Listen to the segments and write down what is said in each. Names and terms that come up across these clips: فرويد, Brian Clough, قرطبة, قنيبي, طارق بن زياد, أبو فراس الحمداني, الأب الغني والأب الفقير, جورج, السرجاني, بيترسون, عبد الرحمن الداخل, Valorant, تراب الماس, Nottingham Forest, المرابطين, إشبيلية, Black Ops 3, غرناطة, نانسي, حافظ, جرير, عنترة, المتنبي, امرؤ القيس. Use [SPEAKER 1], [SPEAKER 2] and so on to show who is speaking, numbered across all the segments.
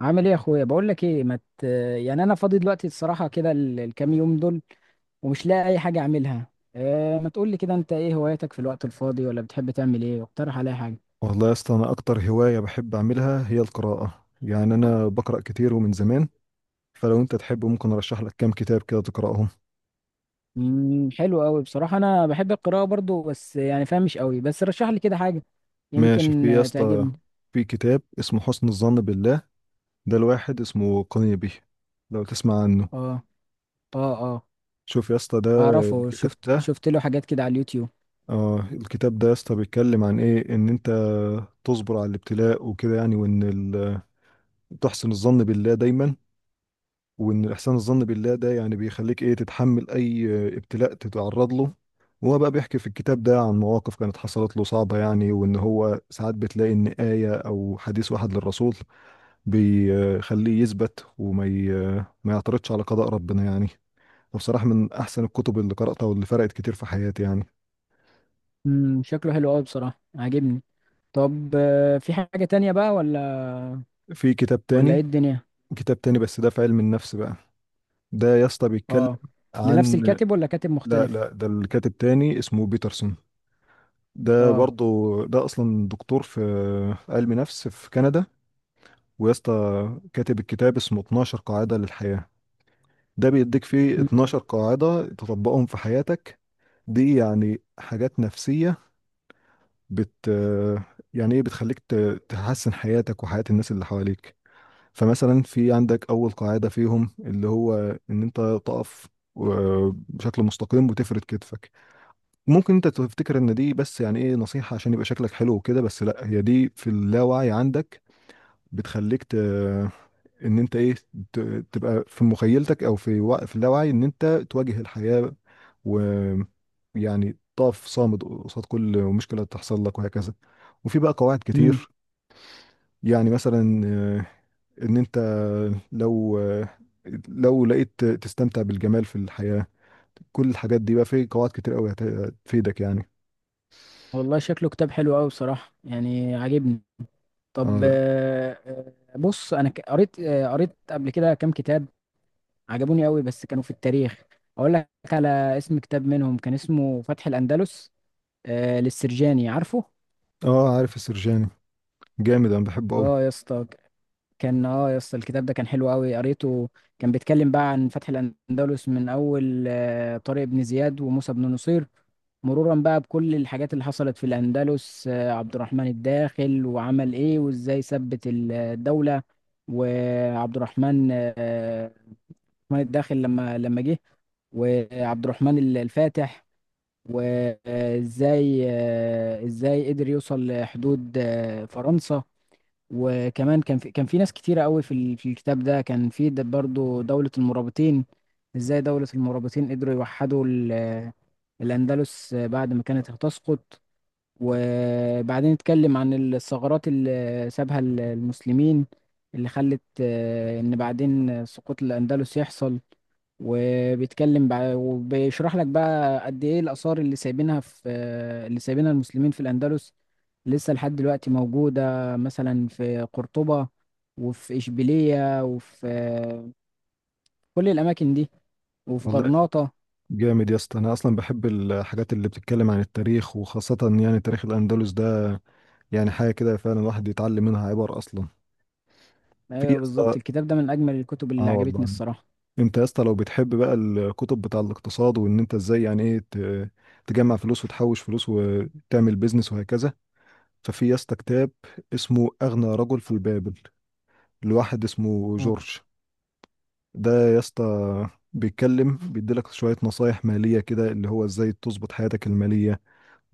[SPEAKER 1] عامل ايه يا اخويا؟ بقول لك ايه، ما مت... يعني انا فاضي دلوقتي الصراحه كده، الكام يوم دول، ومش لاقي اي حاجه اعملها. إيه، ما تقول لي كده، انت ايه هواياتك في الوقت الفاضي، ولا بتحب تعمل ايه؟ اقترح عليا حاجه.
[SPEAKER 2] والله يا اسطى، انا اكتر هوايه بحب اعملها هي القراءه. يعني انا بقرا كتير ومن زمان. فلو انت تحب ممكن ارشح لك كام كتاب كده تقراهم.
[SPEAKER 1] حلو قوي بصراحه، انا بحب القراءه برضو، بس يعني فاهم مش قوي. بس رشح لي كده حاجه
[SPEAKER 2] ماشي،
[SPEAKER 1] يمكن
[SPEAKER 2] في يا اسطى.
[SPEAKER 1] تعجبني.
[SPEAKER 2] في كتاب اسمه حسن الظن بالله، ده الواحد اسمه قنيبي، لو تسمع عنه.
[SPEAKER 1] اه، اه، اه،
[SPEAKER 2] شوف يا اسطى ده
[SPEAKER 1] اعرفه.
[SPEAKER 2] الكتاب
[SPEAKER 1] شفت
[SPEAKER 2] ده.
[SPEAKER 1] شفت له حاجات كده على اليوتيوب.
[SPEAKER 2] اه، الكتاب ده يا اسطى بيتكلم عن ايه، ان انت تصبر على الابتلاء وكده يعني. وان تحسن الظن بالله دايما. وان احسان الظن بالله ده يعني بيخليك ايه، تتحمل اي ابتلاء تتعرض له. وهو بقى بيحكي في الكتاب ده عن مواقف كانت حصلت له صعبة يعني. وان هو ساعات بتلاقي ان آية او حديث واحد للرسول بيخليه يثبت ما يعترضش على قضاء ربنا يعني. فبصراحة من احسن الكتب اللي قرأتها واللي فرقت كتير في حياتي يعني.
[SPEAKER 1] شكله حلو قوي بصراحه، عاجبني. طب في حاجه تانية بقى، ولا
[SPEAKER 2] في كتاب
[SPEAKER 1] ولا ايه
[SPEAKER 2] تاني.
[SPEAKER 1] الدنيا؟
[SPEAKER 2] بس ده في علم النفس بقى. ده يا اسطى بيتكلم
[SPEAKER 1] اه. لنفس
[SPEAKER 2] عن...
[SPEAKER 1] الكاتب ولا كاتب
[SPEAKER 2] لا
[SPEAKER 1] مختلف؟
[SPEAKER 2] لا، ده الكاتب تاني اسمه بيترسون، ده
[SPEAKER 1] اه.
[SPEAKER 2] برضو ده اصلا دكتور في علم نفس في كندا. ويا اسطى، كاتب الكتاب اسمه 12 قاعدة للحياة. ده بيديك فيه 12 قاعدة تطبقهم في حياتك. دي يعني حاجات نفسية بت يعني ايه، بتخليك تحسن حياتك وحياة الناس اللي حواليك. فمثلا في عندك اول قاعدة فيهم اللي هو ان انت تقف بشكل مستقيم وتفرد كتفك. ممكن انت تفتكر ان دي بس يعني ايه، نصيحة عشان يبقى شكلك حلو وكده، بس لا، هي دي في اللاوعي عندك بتخليك ان انت ايه، ت... تبقى في مخيلتك او في اللاوعي ان انت تواجه الحياة. ويعني تقف صامد قصاد كل مشكلة تحصل لك وهكذا. وفي بقى قواعد
[SPEAKER 1] امم
[SPEAKER 2] كتير. يعني مثلا ان انت لو لو لقيت تستمتع بالجمال في الحياة. كل الحاجات دي بقى في قواعد كتير قوي هتفيدك يعني.
[SPEAKER 1] والله شكله كتاب حلو قوي بصراحة، يعني عاجبني.
[SPEAKER 2] اه
[SPEAKER 1] طب
[SPEAKER 2] لا.
[SPEAKER 1] بص، انا قريت قريت قبل كده كام كتاب عجبوني قوي، بس كانوا في التاريخ. اقول لك على اسم كتاب منهم، كان اسمه فتح الأندلس، للسرجاني، عارفه.
[SPEAKER 2] اه، عارف السرجاني، جامد، انا بحبه قوي.
[SPEAKER 1] اه يا اسطى. كان يا اسطى الكتاب ده كان حلو قوي، قريته. كان بيتكلم بقى عن فتح الاندلس من اول طارق بن زياد وموسى بن نصير، مرورا بقى بكل الحاجات اللي حصلت في الاندلس. عبد الرحمن الداخل وعمل ايه وازاي ثبت الدولة. وعبد الرحمن الداخل لما جه. وعبد الرحمن الفاتح، وازاي ازاي قدر يوصل لحدود فرنسا. وكمان كان في ناس كتيرة قوي في الكتاب ده. كان في برضو دولة المرابطين، ازاي دولة المرابطين قدروا يوحدوا الأندلس بعد ما كانت هتسقط. وبعدين اتكلم عن الثغرات اللي سابها المسلمين، اللي خلت ان بعدين سقوط الاندلس يحصل. وبيشرح لك بقى قد ايه الاثار اللي سايبينها في آه، اللي سايبينها المسلمين في الاندلس، لسه لحد دلوقتي موجوده. مثلا في قرطبه، وفي اشبيليه، وفي كل الاماكن دي، وفي
[SPEAKER 2] والله
[SPEAKER 1] غرناطه.
[SPEAKER 2] جامد يا اسطى، انا اصلا بحب الحاجات اللي بتتكلم عن التاريخ وخاصه يعني تاريخ الاندلس ده. يعني حاجه كده فعلا الواحد يتعلم منها عبر اصلا. في يا
[SPEAKER 1] ايوه
[SPEAKER 2] اسطى،
[SPEAKER 1] بالظبط، الكتاب ده من اجمل الكتب اللي
[SPEAKER 2] اه
[SPEAKER 1] عجبتني
[SPEAKER 2] والله.
[SPEAKER 1] الصراحه.
[SPEAKER 2] انت يا اسطى لو بتحب بقى الكتب بتاع الاقتصاد وان انت ازاي يعني ايه تجمع فلوس وتحوش فلوس وتعمل بيزنس وهكذا. ففي يا اسطى كتاب اسمه اغنى رجل في البابل، لواحد اسمه جورج. ده يا اسطى بيتكلم، بيديلك شوية نصايح مالية كده، اللي هو ازاي تظبط حياتك المالية.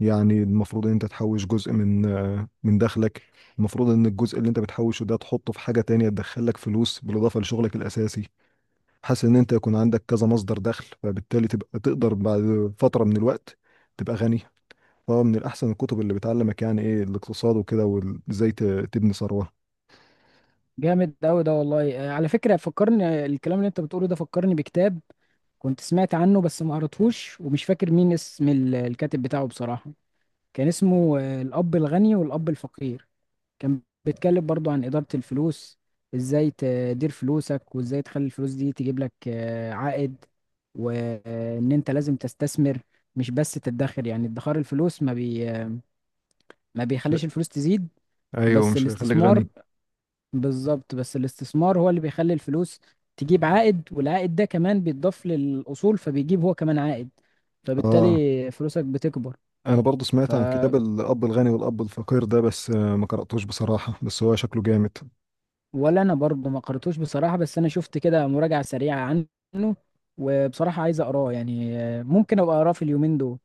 [SPEAKER 2] يعني المفروض ان انت تحوش جزء من دخلك. المفروض ان الجزء اللي انت بتحوشه ده تحطه في حاجة تانية تدخلك فلوس بالإضافة لشغلك الأساسي. حاسس ان انت يكون عندك كذا مصدر دخل، فبالتالي تبقى تقدر بعد فترة من الوقت تبقى غني. فمن الأحسن الكتب اللي بتعلمك يعني ايه الاقتصاد وكده وازاي تبني ثروة.
[SPEAKER 1] جامد قوي ده والله. على فكرة، فكرني الكلام اللي انت بتقوله ده، فكرني بكتاب كنت سمعت عنه بس ما قريتهوش، ومش فاكر مين اسم الكاتب بتاعه بصراحة. كان اسمه الأب الغني والأب الفقير. كان بيتكلم برضو عن إدارة الفلوس، ازاي تدير فلوسك وازاي تخلي الفلوس دي تجيب لك عائد، وان انت لازم تستثمر، مش بس تدخر. يعني ادخار الفلوس ما
[SPEAKER 2] مش هي-
[SPEAKER 1] بيخليش الفلوس تزيد.
[SPEAKER 2] ايوه،
[SPEAKER 1] بس
[SPEAKER 2] مش هيخليك
[SPEAKER 1] الاستثمار
[SPEAKER 2] غني.
[SPEAKER 1] بالظبط، بس الاستثمار هو اللي بيخلي الفلوس تجيب عائد، والعائد ده كمان بيتضاف للأصول فبيجيب هو كمان عائد،
[SPEAKER 2] اه،
[SPEAKER 1] فبالتالي فلوسك بتكبر.
[SPEAKER 2] انا برضو
[SPEAKER 1] ف
[SPEAKER 2] سمعت عن كتاب الاب الغني والاب الفقير ده، بس ما قراتوش بصراحه، بس هو شكله جامد.
[SPEAKER 1] ولا انا برضه ما قرأتوش بصراحة، بس انا شفت كده مراجعة سريعة عنه، وبصراحة عايز اقراه. يعني ممكن ابقى اقراه في اليومين دول.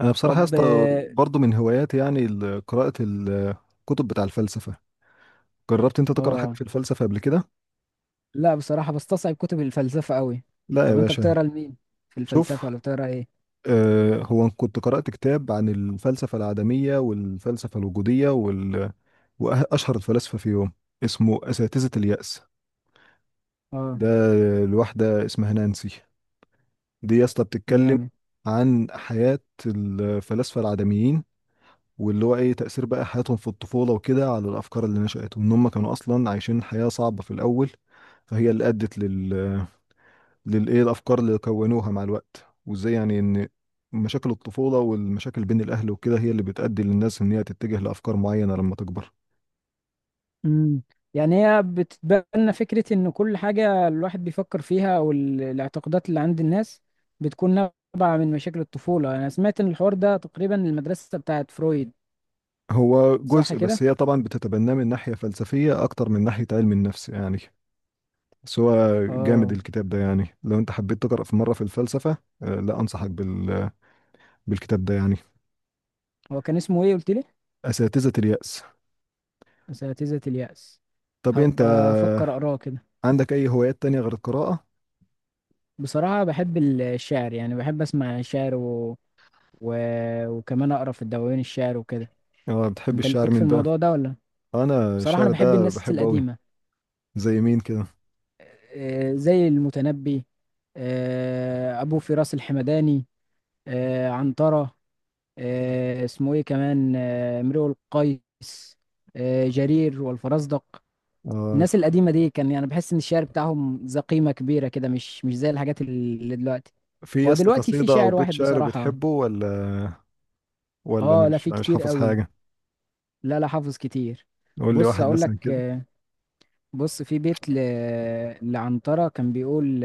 [SPEAKER 2] انا بصراحه يا
[SPEAKER 1] طب
[SPEAKER 2] اسطى
[SPEAKER 1] اه.
[SPEAKER 2] برضو من هواياتي يعني قراءه الكتب بتاع الفلسفه. جربت انت تقرا حاجه
[SPEAKER 1] آه،
[SPEAKER 2] في الفلسفه قبل كده؟
[SPEAKER 1] لا بصراحة، بستصعب كتب الفلسفة قوي.
[SPEAKER 2] لا يا
[SPEAKER 1] طب انت
[SPEAKER 2] باشا.
[SPEAKER 1] بتقرا لمين في الفلسفة،
[SPEAKER 2] شوف،
[SPEAKER 1] ولا بتقرا ايه؟
[SPEAKER 2] هو أنا كنت قرات كتاب عن الفلسفه العدميه والفلسفه الوجوديه واشهر الفلاسفه فيهم، اسمه اساتذه اليأس.
[SPEAKER 1] اه،
[SPEAKER 2] ده الواحده اسمها نانسي. دي يا اسطى بتتكلم
[SPEAKER 1] جامد.
[SPEAKER 2] عن حياه الفلاسفه العدميين، واللي هو ايه تأثير بقى حياتهم في الطفولة وكده على الأفكار اللي نشأت. وإن هم كانوا أصلا عايشين حياة صعبة في الأول، فهي اللي أدت للإيه الأفكار اللي كونوها مع الوقت. وإزاي يعني إن مشاكل الطفولة والمشاكل بين الأهل وكده هي اللي بتأدي للناس إن هي تتجه لأفكار معينة لما تكبر.
[SPEAKER 1] مم. يعني هي بتتبنى فكرة إن كل حاجة الواحد بيفكر فيها، أو الاعتقادات اللي عند الناس، بتكون نابعة من مشاكل الطفولة. أنا سمعت إن الحوار ده تقريبا المدرسة بتاعت فرويد.
[SPEAKER 2] هو
[SPEAKER 1] صح
[SPEAKER 2] جزء،
[SPEAKER 1] كده؟
[SPEAKER 2] بس هي طبعا بتتبناه من ناحية فلسفية أكتر من ناحية علم النفس يعني. بس هو جامد
[SPEAKER 1] آه.
[SPEAKER 2] الكتاب ده، يعني لو أنت حبيت تقرأ في مرة في الفلسفة، لا أنصحك بالكتاب ده يعني.
[SPEAKER 1] هو كان اسمه إيه قلت لي؟
[SPEAKER 2] أساتذة اليأس.
[SPEAKER 1] أساتذة اليأس.
[SPEAKER 2] طب انت
[SPEAKER 1] هبقى أفكر أقراه كده.
[SPEAKER 2] عندك أي هوايات تانية غير القراءة؟
[SPEAKER 1] بصراحة بحب الشعر، يعني بحب أسمع شعر و... وكمان أقرأ في الدواوين الشعر وكده.
[SPEAKER 2] آه، بتحب
[SPEAKER 1] أنت
[SPEAKER 2] الشعر
[SPEAKER 1] ليك في
[SPEAKER 2] مين بقى؟
[SPEAKER 1] الموضوع ده ولا؟
[SPEAKER 2] أنا
[SPEAKER 1] بصراحة أنا
[SPEAKER 2] الشعر
[SPEAKER 1] بحب
[SPEAKER 2] ده
[SPEAKER 1] الناس
[SPEAKER 2] بحبه أوي.
[SPEAKER 1] القديمة.
[SPEAKER 2] زي مين كده؟
[SPEAKER 1] زي المتنبي، أبو فراس الحمداني، عنترة، اسمه إيه كمان، امرؤ القيس، جرير والفرزدق.
[SPEAKER 2] آه،
[SPEAKER 1] الناس القديمة دي كان يعني بحس إن الشعر بتاعهم ذا قيمة كبيرة كده، مش زي الحاجات اللي دلوقتي.
[SPEAKER 2] في
[SPEAKER 1] هو
[SPEAKER 2] يس
[SPEAKER 1] دلوقتي في
[SPEAKER 2] قصيدة أو
[SPEAKER 1] شاعر
[SPEAKER 2] بيت
[SPEAKER 1] واحد
[SPEAKER 2] شعر
[SPEAKER 1] بصراحة.
[SPEAKER 2] بتحبه ولا... ولا
[SPEAKER 1] آه لا،
[SPEAKER 2] مش
[SPEAKER 1] في
[SPEAKER 2] مش
[SPEAKER 1] كتير
[SPEAKER 2] حافظ
[SPEAKER 1] قوي.
[SPEAKER 2] حاجة؟
[SPEAKER 1] لا، لا، حافظ كتير.
[SPEAKER 2] قول لي
[SPEAKER 1] بص
[SPEAKER 2] واحد
[SPEAKER 1] أقول
[SPEAKER 2] مثلا
[SPEAKER 1] لك.
[SPEAKER 2] كده.
[SPEAKER 1] بص، في بيت لعنترة كان بيقول،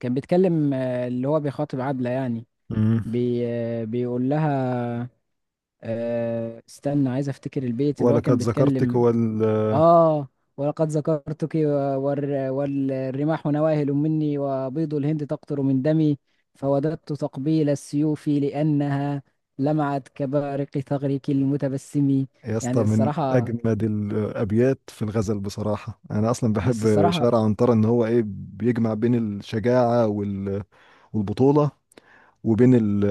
[SPEAKER 1] كان بيتكلم، اللي هو بيخاطب عبلة يعني.
[SPEAKER 2] امم.
[SPEAKER 1] بي بيقول لها، استنى عايز افتكر البيت اللي هو كان
[SPEAKER 2] ولقد ذكرتك
[SPEAKER 1] بيتكلم. اه. ولقد ذكرتك والرماح نواهل مني، وبيض الهند تقطر من دمي، فوددت تقبيل السيوف لأنها لمعت كبارق ثغرك المتبسم.
[SPEAKER 2] يا
[SPEAKER 1] يعني
[SPEAKER 2] اسطى، من
[SPEAKER 1] الصراحة
[SPEAKER 2] أجمد الأبيات في الغزل بصراحة. أنا أصلا
[SPEAKER 1] بس
[SPEAKER 2] بحب
[SPEAKER 1] الصراحة.
[SPEAKER 2] شعر عنترة، إن هو إيه بيجمع بين الشجاعة والبطولة وبين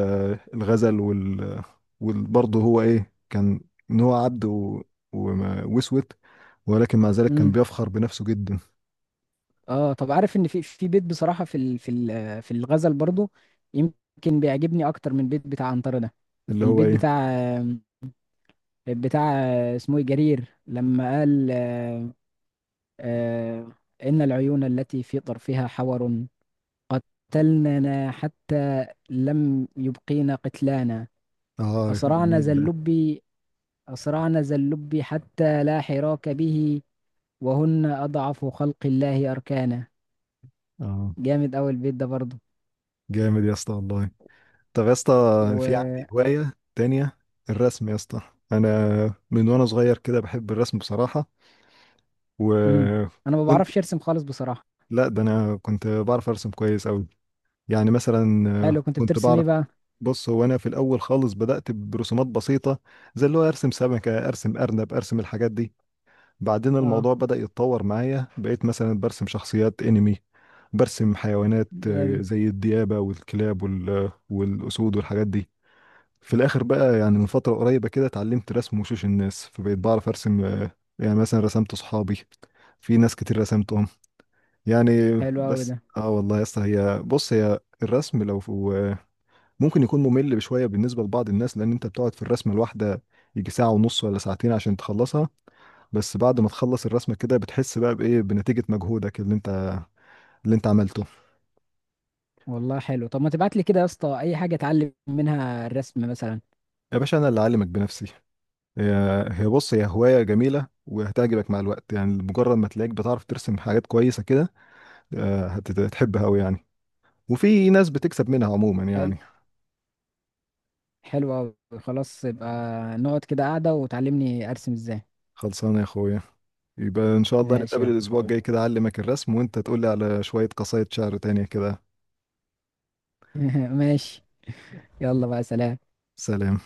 [SPEAKER 2] الغزل وبرضه هو ايه كان، ان هو عبد واسود، ولكن مع ذلك كان
[SPEAKER 1] امم
[SPEAKER 2] بيفخر بنفسه جدا.
[SPEAKER 1] اه، طب عارف ان في بيت بصراحة، في الغزل برضو، يمكن بيعجبني اكتر من البيت بتاع عنترة ده.
[SPEAKER 2] اللي هو
[SPEAKER 1] البيت
[SPEAKER 2] ايه.
[SPEAKER 1] بتاع اسمه إيه؟ جرير لما قال، آه، إن العيون التي في طرفها حور، قتلننا حتى لم يبقينا قتلانا.
[SPEAKER 2] اه
[SPEAKER 1] أسرعنا
[SPEAKER 2] جميل
[SPEAKER 1] ذا
[SPEAKER 2] ده.
[SPEAKER 1] اللب أسرعنا ذا اللب حتى لا حراك به، وهن أضعف خلق الله أركانا.
[SPEAKER 2] اه
[SPEAKER 1] جامد أوي البيت ده برضه.
[SPEAKER 2] جامد يا اسطى والله. طب يا اسطى، في
[SPEAKER 1] و...
[SPEAKER 2] عندي هواية تانية، الرسم يا اسطى. انا من وانا صغير كده بحب الرسم بصراحة،
[SPEAKER 1] مم. أنا ما
[SPEAKER 2] وكنت...
[SPEAKER 1] بعرفش أرسم خالص بصراحة.
[SPEAKER 2] لا، ده انا كنت بعرف ارسم كويس قوي. يعني مثلا
[SPEAKER 1] حلو، كنت
[SPEAKER 2] كنت
[SPEAKER 1] بترسم إيه
[SPEAKER 2] بعرف...
[SPEAKER 1] بقى؟
[SPEAKER 2] بص، هو انا في الاول خالص بدات برسومات بسيطه، زي اللي هو ارسم سمكه، ارسم ارنب، ارسم الحاجات دي. بعدين
[SPEAKER 1] اه،
[SPEAKER 2] الموضوع بدا يتطور معايا، بقيت مثلا برسم شخصيات انمي، برسم حيوانات
[SPEAKER 1] جامد.
[SPEAKER 2] زي الديابه والكلاب والاسود والحاجات دي. في الاخر بقى، يعني من فتره قريبه كده، اتعلمت رسم وشوش الناس، فبقيت بعرف ارسم يعني مثلا رسمت صحابي، في ناس كتير رسمتهم يعني.
[SPEAKER 1] حلو أوي
[SPEAKER 2] بس
[SPEAKER 1] ده.
[SPEAKER 2] اه والله يا اسطى، هي الرسم لو آه، ممكن يكون ممل بشوية بالنسبة لبعض الناس، لأن أنت بتقعد في الرسمة الواحدة يجي ساعة ونص ولا ساعتين عشان تخلصها. بس بعد ما تخلص الرسمة كده بتحس بقى بإيه، بنتيجة مجهودك اللي أنت عملته.
[SPEAKER 1] والله حلو. طب ما تبعت لي كده يا اسطى اي حاجه اتعلم منها الرسم مثلا.
[SPEAKER 2] يا باشا أنا اللي أعلمك بنفسي. هي هي هواية جميلة وهتعجبك مع الوقت، يعني مجرد ما تلاقيك بتعرف ترسم حاجات كويسة كده هتحبها أوي يعني. وفي ناس بتكسب منها عموما
[SPEAKER 1] حلو.
[SPEAKER 2] يعني.
[SPEAKER 1] حلو أوي. خلاص، يبقى نقعد كده قاعده وتعلمني ارسم ازاي.
[SPEAKER 2] خلصانة يا أخويا. يبقى إن شاء الله
[SPEAKER 1] ماشي يا
[SPEAKER 2] نتقابل الأسبوع الجاي
[SPEAKER 1] اخويا.
[SPEAKER 2] كده، أعلمك الرسم وأنت تقولي على شوية قصايد شعر تانية كده.
[SPEAKER 1] ماشي. يلا بقى، سلام.
[SPEAKER 2] سلام.